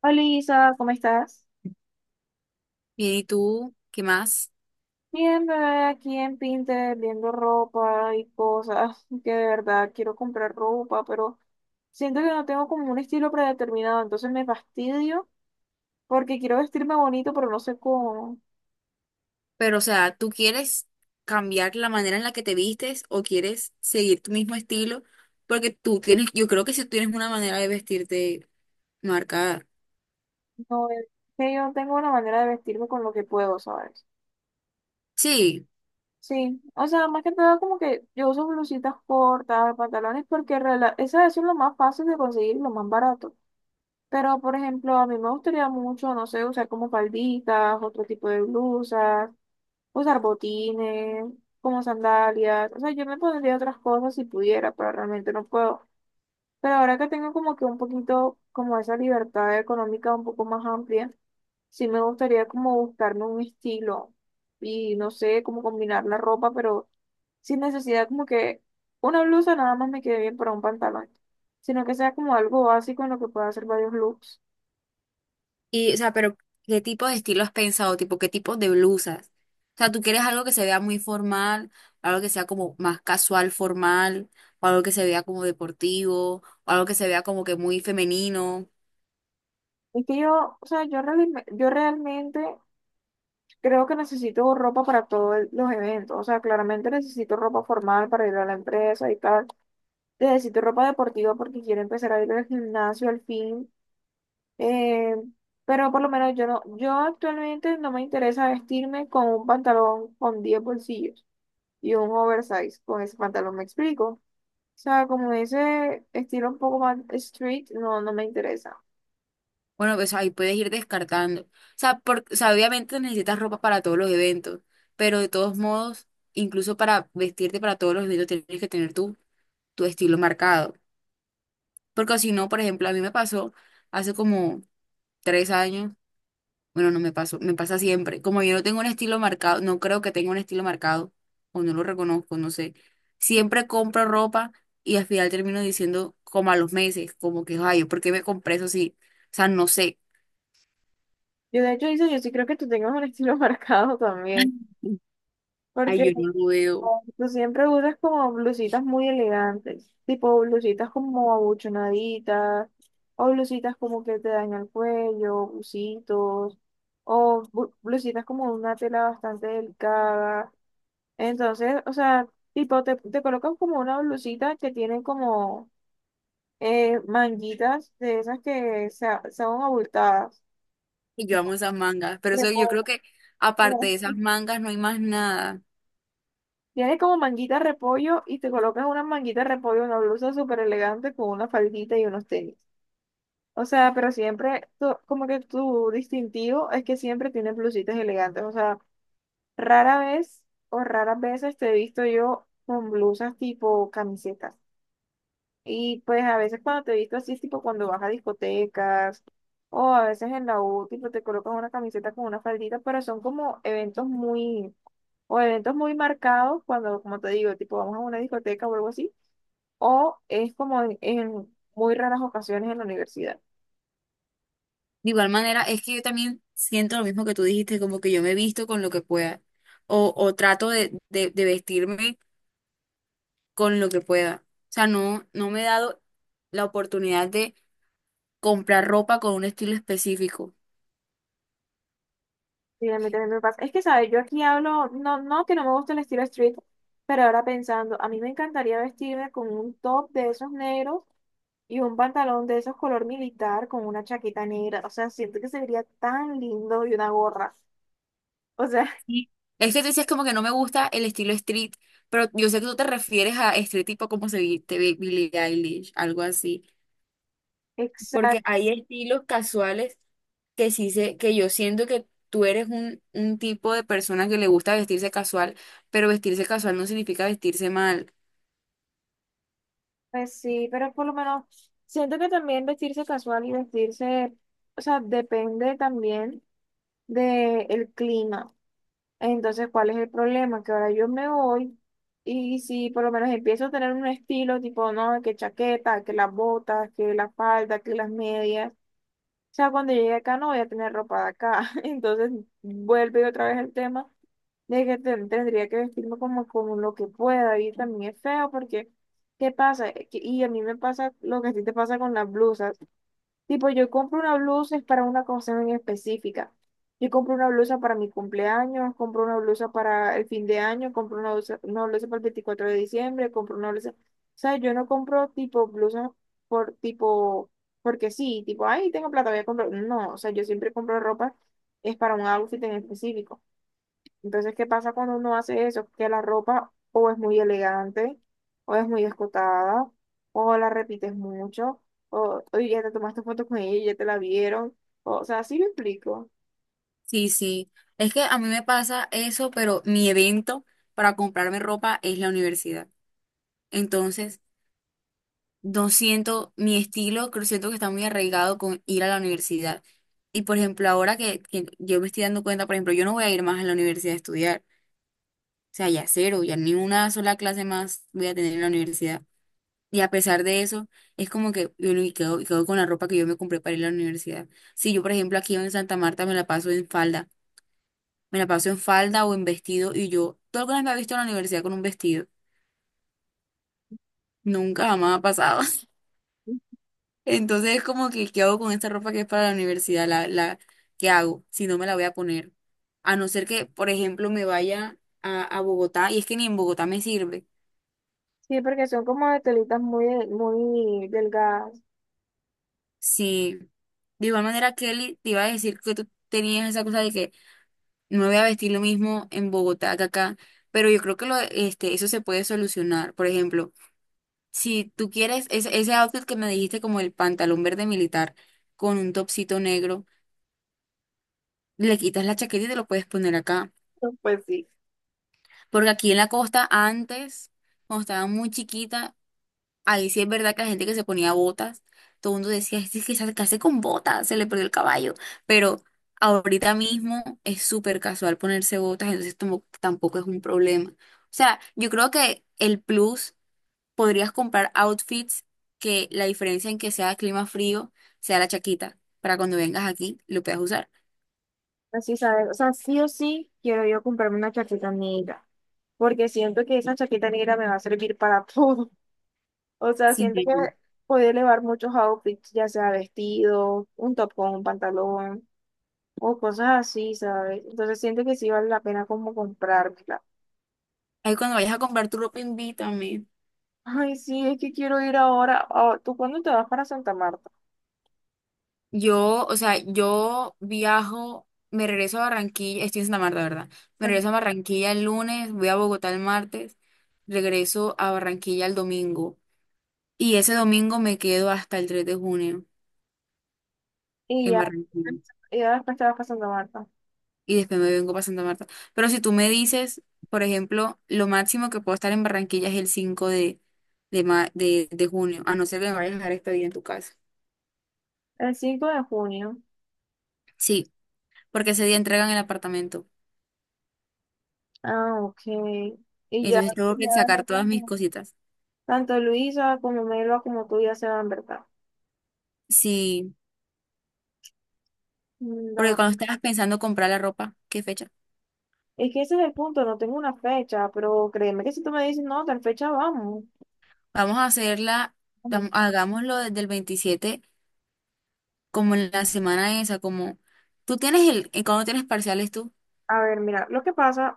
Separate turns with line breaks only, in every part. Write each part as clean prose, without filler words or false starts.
Hola Isa, ¿cómo estás?
Bien, ¿y tú qué más?
Bien, bebé, aquí en Pinterest viendo ropa y cosas, que de verdad quiero comprar ropa, pero siento que no tengo como un estilo predeterminado, entonces me fastidio porque quiero vestirme bonito, pero no sé cómo.
Pero, o sea, ¿tú quieres cambiar la manera en la que te vistes o quieres seguir tu mismo estilo? Porque tú tienes, yo creo que si tienes una manera de vestirte marcada.
No, es que yo tengo una manera de vestirme con lo que puedo, ¿sabes?
Sí,
Sí, o sea, más que nada como que yo uso blusitas cortas, pantalones, porque eso es lo más fácil de conseguir, lo más barato. Pero, por ejemplo, a mí me gustaría mucho, no sé, usar como falditas, otro tipo de blusas, usar botines, como sandalias. O sea, yo me pondría otras cosas si pudiera, pero realmente no puedo. Pero ahora que tengo como que un poquito, como esa libertad económica un poco más amplia, sí me gustaría como buscarme un estilo y no sé, cómo combinar la ropa, pero sin necesidad como que una blusa nada más me quede bien para un pantalón, sino que sea como algo básico en lo que pueda hacer varios looks.
y, o sea, pero ¿qué tipo de estilo has pensado? Tipo, ¿qué tipo de blusas? O sea, ¿tú quieres algo que se vea muy formal, algo que sea como más casual, formal, o algo que se vea como deportivo, o algo que se vea como que muy femenino?
Es que yo, o sea, yo realmente creo que necesito ropa para los eventos. O sea, claramente necesito ropa formal para ir a la empresa y tal. Necesito ropa deportiva porque quiero empezar a ir al gimnasio al fin. Eh, pero por lo menos yo actualmente no me interesa vestirme con un pantalón con 10 bolsillos y un oversize. Con ese pantalón me explico. O sea, como ese estilo un poco más street, no, no me interesa.
Bueno, pues ahí puedes ir descartando. O sea, o sea, obviamente necesitas ropa para todos los eventos, pero de todos modos, incluso para vestirte para todos los eventos tienes que tener tu estilo marcado. Porque si no, por ejemplo, a mí me pasó hace como 3 años, bueno, no me pasó, me pasa siempre. Como yo no tengo un estilo marcado, no creo que tenga un estilo marcado, o no lo reconozco, no sé. Siempre compro ropa y al final termino diciendo como a los meses, como que, ay, ¿por qué me compré eso si, o sea, no sé.
Yo de hecho, dice, yo sí creo que tú tengas un estilo marcado también.
Ay,
Porque
yo no veo.
oh, tú siempre usas como blusitas muy elegantes, tipo blusitas como abuchonaditas, o blusitas como que te dañan el cuello, busitos, o blusitas como de una tela bastante delicada. Entonces, o sea, tipo te colocan como una blusita que tiene como manguitas de esas que son abultadas.
Y yo amo esas mangas. Pero eso yo
Reposo.
creo que aparte de esas mangas no hay más nada.
Tiene como manguita de repollo y te colocas una manguita de repollo, una blusa súper elegante con una faldita y unos tenis. O sea, pero siempre, como que tu distintivo es que siempre tienes blusitas elegantes. O sea, rara vez o raras veces te he visto yo con blusas tipo camisetas. Y pues a veces cuando te he visto así es tipo cuando vas a discotecas o a veces en la U, tipo te colocas una camiseta con una faldita, pero son como eventos muy marcados, cuando, como te digo, tipo vamos a una discoteca o algo así, o es como en muy raras ocasiones en la universidad.
De igual manera, es que yo también siento lo mismo que tú dijiste, como que yo me visto con lo que pueda. O trato de vestirme con lo que pueda. O sea, no, no me he dado la oportunidad de comprar ropa con un estilo específico.
Sí, a mí también me pasa. Es que, ¿sabes? Yo aquí hablo, no que no me gusta el estilo street, pero ahora pensando, a mí me encantaría vestirme con un top de esos negros y un pantalón de esos color militar con una chaqueta negra. O sea, siento que se vería tan lindo y una gorra. O sea,
Sí. Es que tú dices como que no me gusta el estilo street, pero yo sé que tú te refieres a street tipo como se viste Billie Eilish, algo así. Porque
exacto.
hay estilos casuales que sí se que yo siento que tú eres un tipo de persona que le gusta vestirse casual, pero vestirse casual no significa vestirse mal.
Pues sí, pero por lo menos siento que también vestirse casual y vestirse, o sea, depende también del clima. Entonces, ¿cuál es el problema? Que ahora yo me voy y si por lo menos empiezo a tener un estilo tipo, no, que chaqueta, que las botas, que la falda, que las medias. O sea, cuando llegue acá no voy a tener ropa de acá. Entonces, vuelve otra vez el tema de que tendría que vestirme como, como lo que pueda y también es feo porque, ¿qué pasa? Y a mí me pasa lo que a ti te pasa con las blusas. Tipo, yo compro una blusa es para una cosa en específica. Yo compro una blusa para mi cumpleaños, compro una blusa para el fin de año, compro una blusa para el 24 de diciembre, compro una blusa. O sea, yo no compro tipo blusas por tipo, porque sí, tipo, ay, tengo plata, voy a comprar. No, o sea, yo siempre compro ropa, es para un outfit en específico. Entonces, ¿qué pasa cuando uno hace eso? Que la ropa o es muy elegante, o es muy escotada, o la repites mucho, o ya te tomaste fotos con ella y ya te la vieron. O sea, sí me explico.
Sí, sí. Es que a mí me pasa eso, pero mi evento para comprarme ropa es la universidad. Entonces, no siento mi estilo, creo siento que está muy arraigado con ir a la universidad. Y por ejemplo, ahora que yo me estoy dando cuenta, por ejemplo, yo no voy a ir más a la universidad a estudiar. O sea, ya cero, ya ni una sola clase más voy a tener en la universidad. Y a pesar de eso, es como que yo no- y quedo con la ropa que yo me compré para ir a la universidad. Si yo, por ejemplo, aquí en Santa Marta me la paso en falda o en vestido, y yo, ¿tú alguna vez me has visto en la universidad con un vestido? Nunca jamás ha pasado. Entonces es como que, ¿qué hago con esta ropa que es para la universidad? ¿Qué hago? Si no me la voy a poner. A no ser que, por ejemplo, me vaya a Bogotá, y es que ni en Bogotá me sirve.
Sí, porque son como de telitas muy, muy delgadas.
Sí. De igual manera, Kelly, te iba a decir que tú tenías esa cosa de que no me voy a vestir lo mismo en Bogotá que acá, pero yo creo que eso se puede solucionar. Por ejemplo, si tú quieres ese outfit que me dijiste como el pantalón verde militar con un topsito negro, le quitas la chaqueta y te lo puedes poner acá.
Pues sí.
Porque aquí en la costa antes, cuando estaba muy chiquita, ahí sí es verdad que la gente que se ponía botas, todo el mundo decía, este es que se hace con botas, se le perdió el caballo. Pero ahorita mismo es súper casual ponerse botas, entonces tampoco es un problema. O sea, yo creo que el plus podrías comprar outfits que la diferencia en que sea clima frío sea la chaquita, para cuando vengas aquí lo puedas usar.
Así sabes. O sea, sí o sí quiero yo comprarme una chaqueta negra. Porque siento que esa chaqueta negra me va a servir para todo. O sea,
Sí,
siento
sí,
que
sí.
puedo elevar muchos outfits, ya sea vestido, un top con un pantalón. O cosas así, ¿sabes? Entonces siento que sí vale la pena como comprármela.
Ahí cuando vayas a comprar tu ropa, invítame.
Ay, sí, es que quiero ir ahora. Ah, ¿tú cuándo te vas para Santa Marta?
Yo, o sea, yo viajo, me regreso a Barranquilla, estoy en Santa Marta, ¿verdad? Me
Ajá.
regreso a Barranquilla el lunes, voy a Bogotá el martes, regreso a Barranquilla el domingo. Y ese domingo me quedo hasta el 3 de junio
Y
en
ya,
Barranquilla.
y ya después te vas para Santa Marta.
Y después me vengo para Santa Marta. Pero si tú me dices, por ejemplo, lo máximo que puedo estar en Barranquilla es el 5 de junio, a no ser que me vayas a dejar este día en tu casa.
El 5 de junio.
Sí, porque ese día entregan el apartamento.
Ah, ok. Y ya,
Entonces tengo
ya
que sacar
no
todas mis
tanto
cositas.
tanto Luisa como Melba como tú ya se van, ¿verdad?
Sí.
Mm,
Porque
no.
cuando estabas pensando comprar la ropa, ¿qué fecha?
Es que ese es el punto, no tengo una fecha, pero créeme que si tú me dices, no, tal fecha vamos.
Vamos a hacerla,
Ajá.
hagámoslo desde el 27 como en la semana esa, como tú tienes ¿cuándo tienes parciales tú?
A ver, mira, lo que pasa.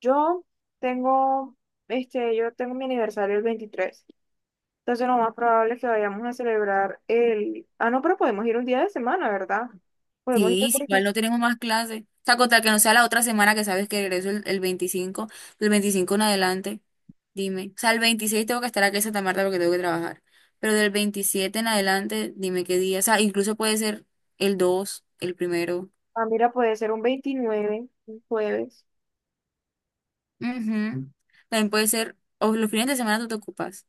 Yo tengo, este, yo tengo mi aniversario el 23. Entonces lo más probable es que vayamos a celebrar el... Ah, no, pero podemos ir un día de semana, ¿verdad? Podemos ir el
Sí, sí, igual no
25.
tenemos más clases. O sea, contar que no sea la otra semana que sabes que regreso el 25, del 25 en adelante, dime. O sea, el 26 tengo que estar aquí en Santa Marta porque tengo que trabajar. Pero del 27 en adelante, dime qué día. O sea, incluso puede ser el dos, el primero.
Ah, mira, puede ser un 29, un jueves.
Ujú. También puede ser, o los fines de semana tú te ocupas.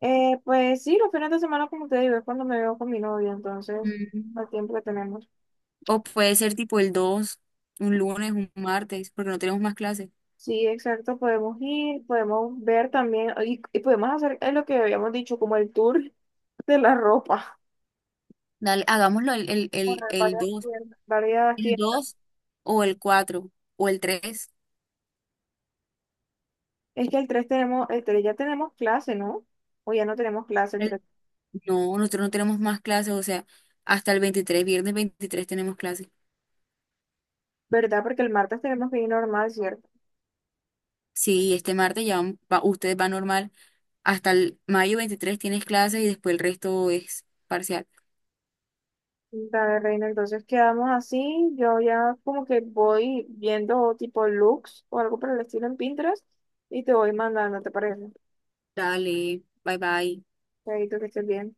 Pues sí, los fines de semana, como te digo, es cuando me veo con mi novia, entonces,
Mm.
al tiempo que tenemos.
O puede ser tipo el dos, un lunes, un martes, porque no tenemos más clases.
Sí, exacto, podemos ir, podemos ver también, y podemos hacer lo que habíamos dicho, como el tour de la ropa.
Dale, hagámoslo el, el, el,
Correr
el
varias
dos
tiendas, varias
el
tiendas.
dos o el 4 o el tres.
Es que el 3 tenemos, el 3 ya tenemos clase, ¿no? O ya no tenemos clase el
El-
tres.
No, nosotros no tenemos más clases, o sea, hasta el 23, viernes 23, tenemos clases.
¿Verdad? Porque el martes tenemos que ir normal, ¿cierto?
Sí, este martes ya ustedes van normal, hasta el mayo 23 tienes clases y después el resto es parcial.
Dale, Reina, entonces quedamos así. Yo ya como que voy viendo tipo looks o algo por el estilo en Pinterest y te voy mandando, ¿te parece?
Dale, bye bye.
Chaito, que estés bien.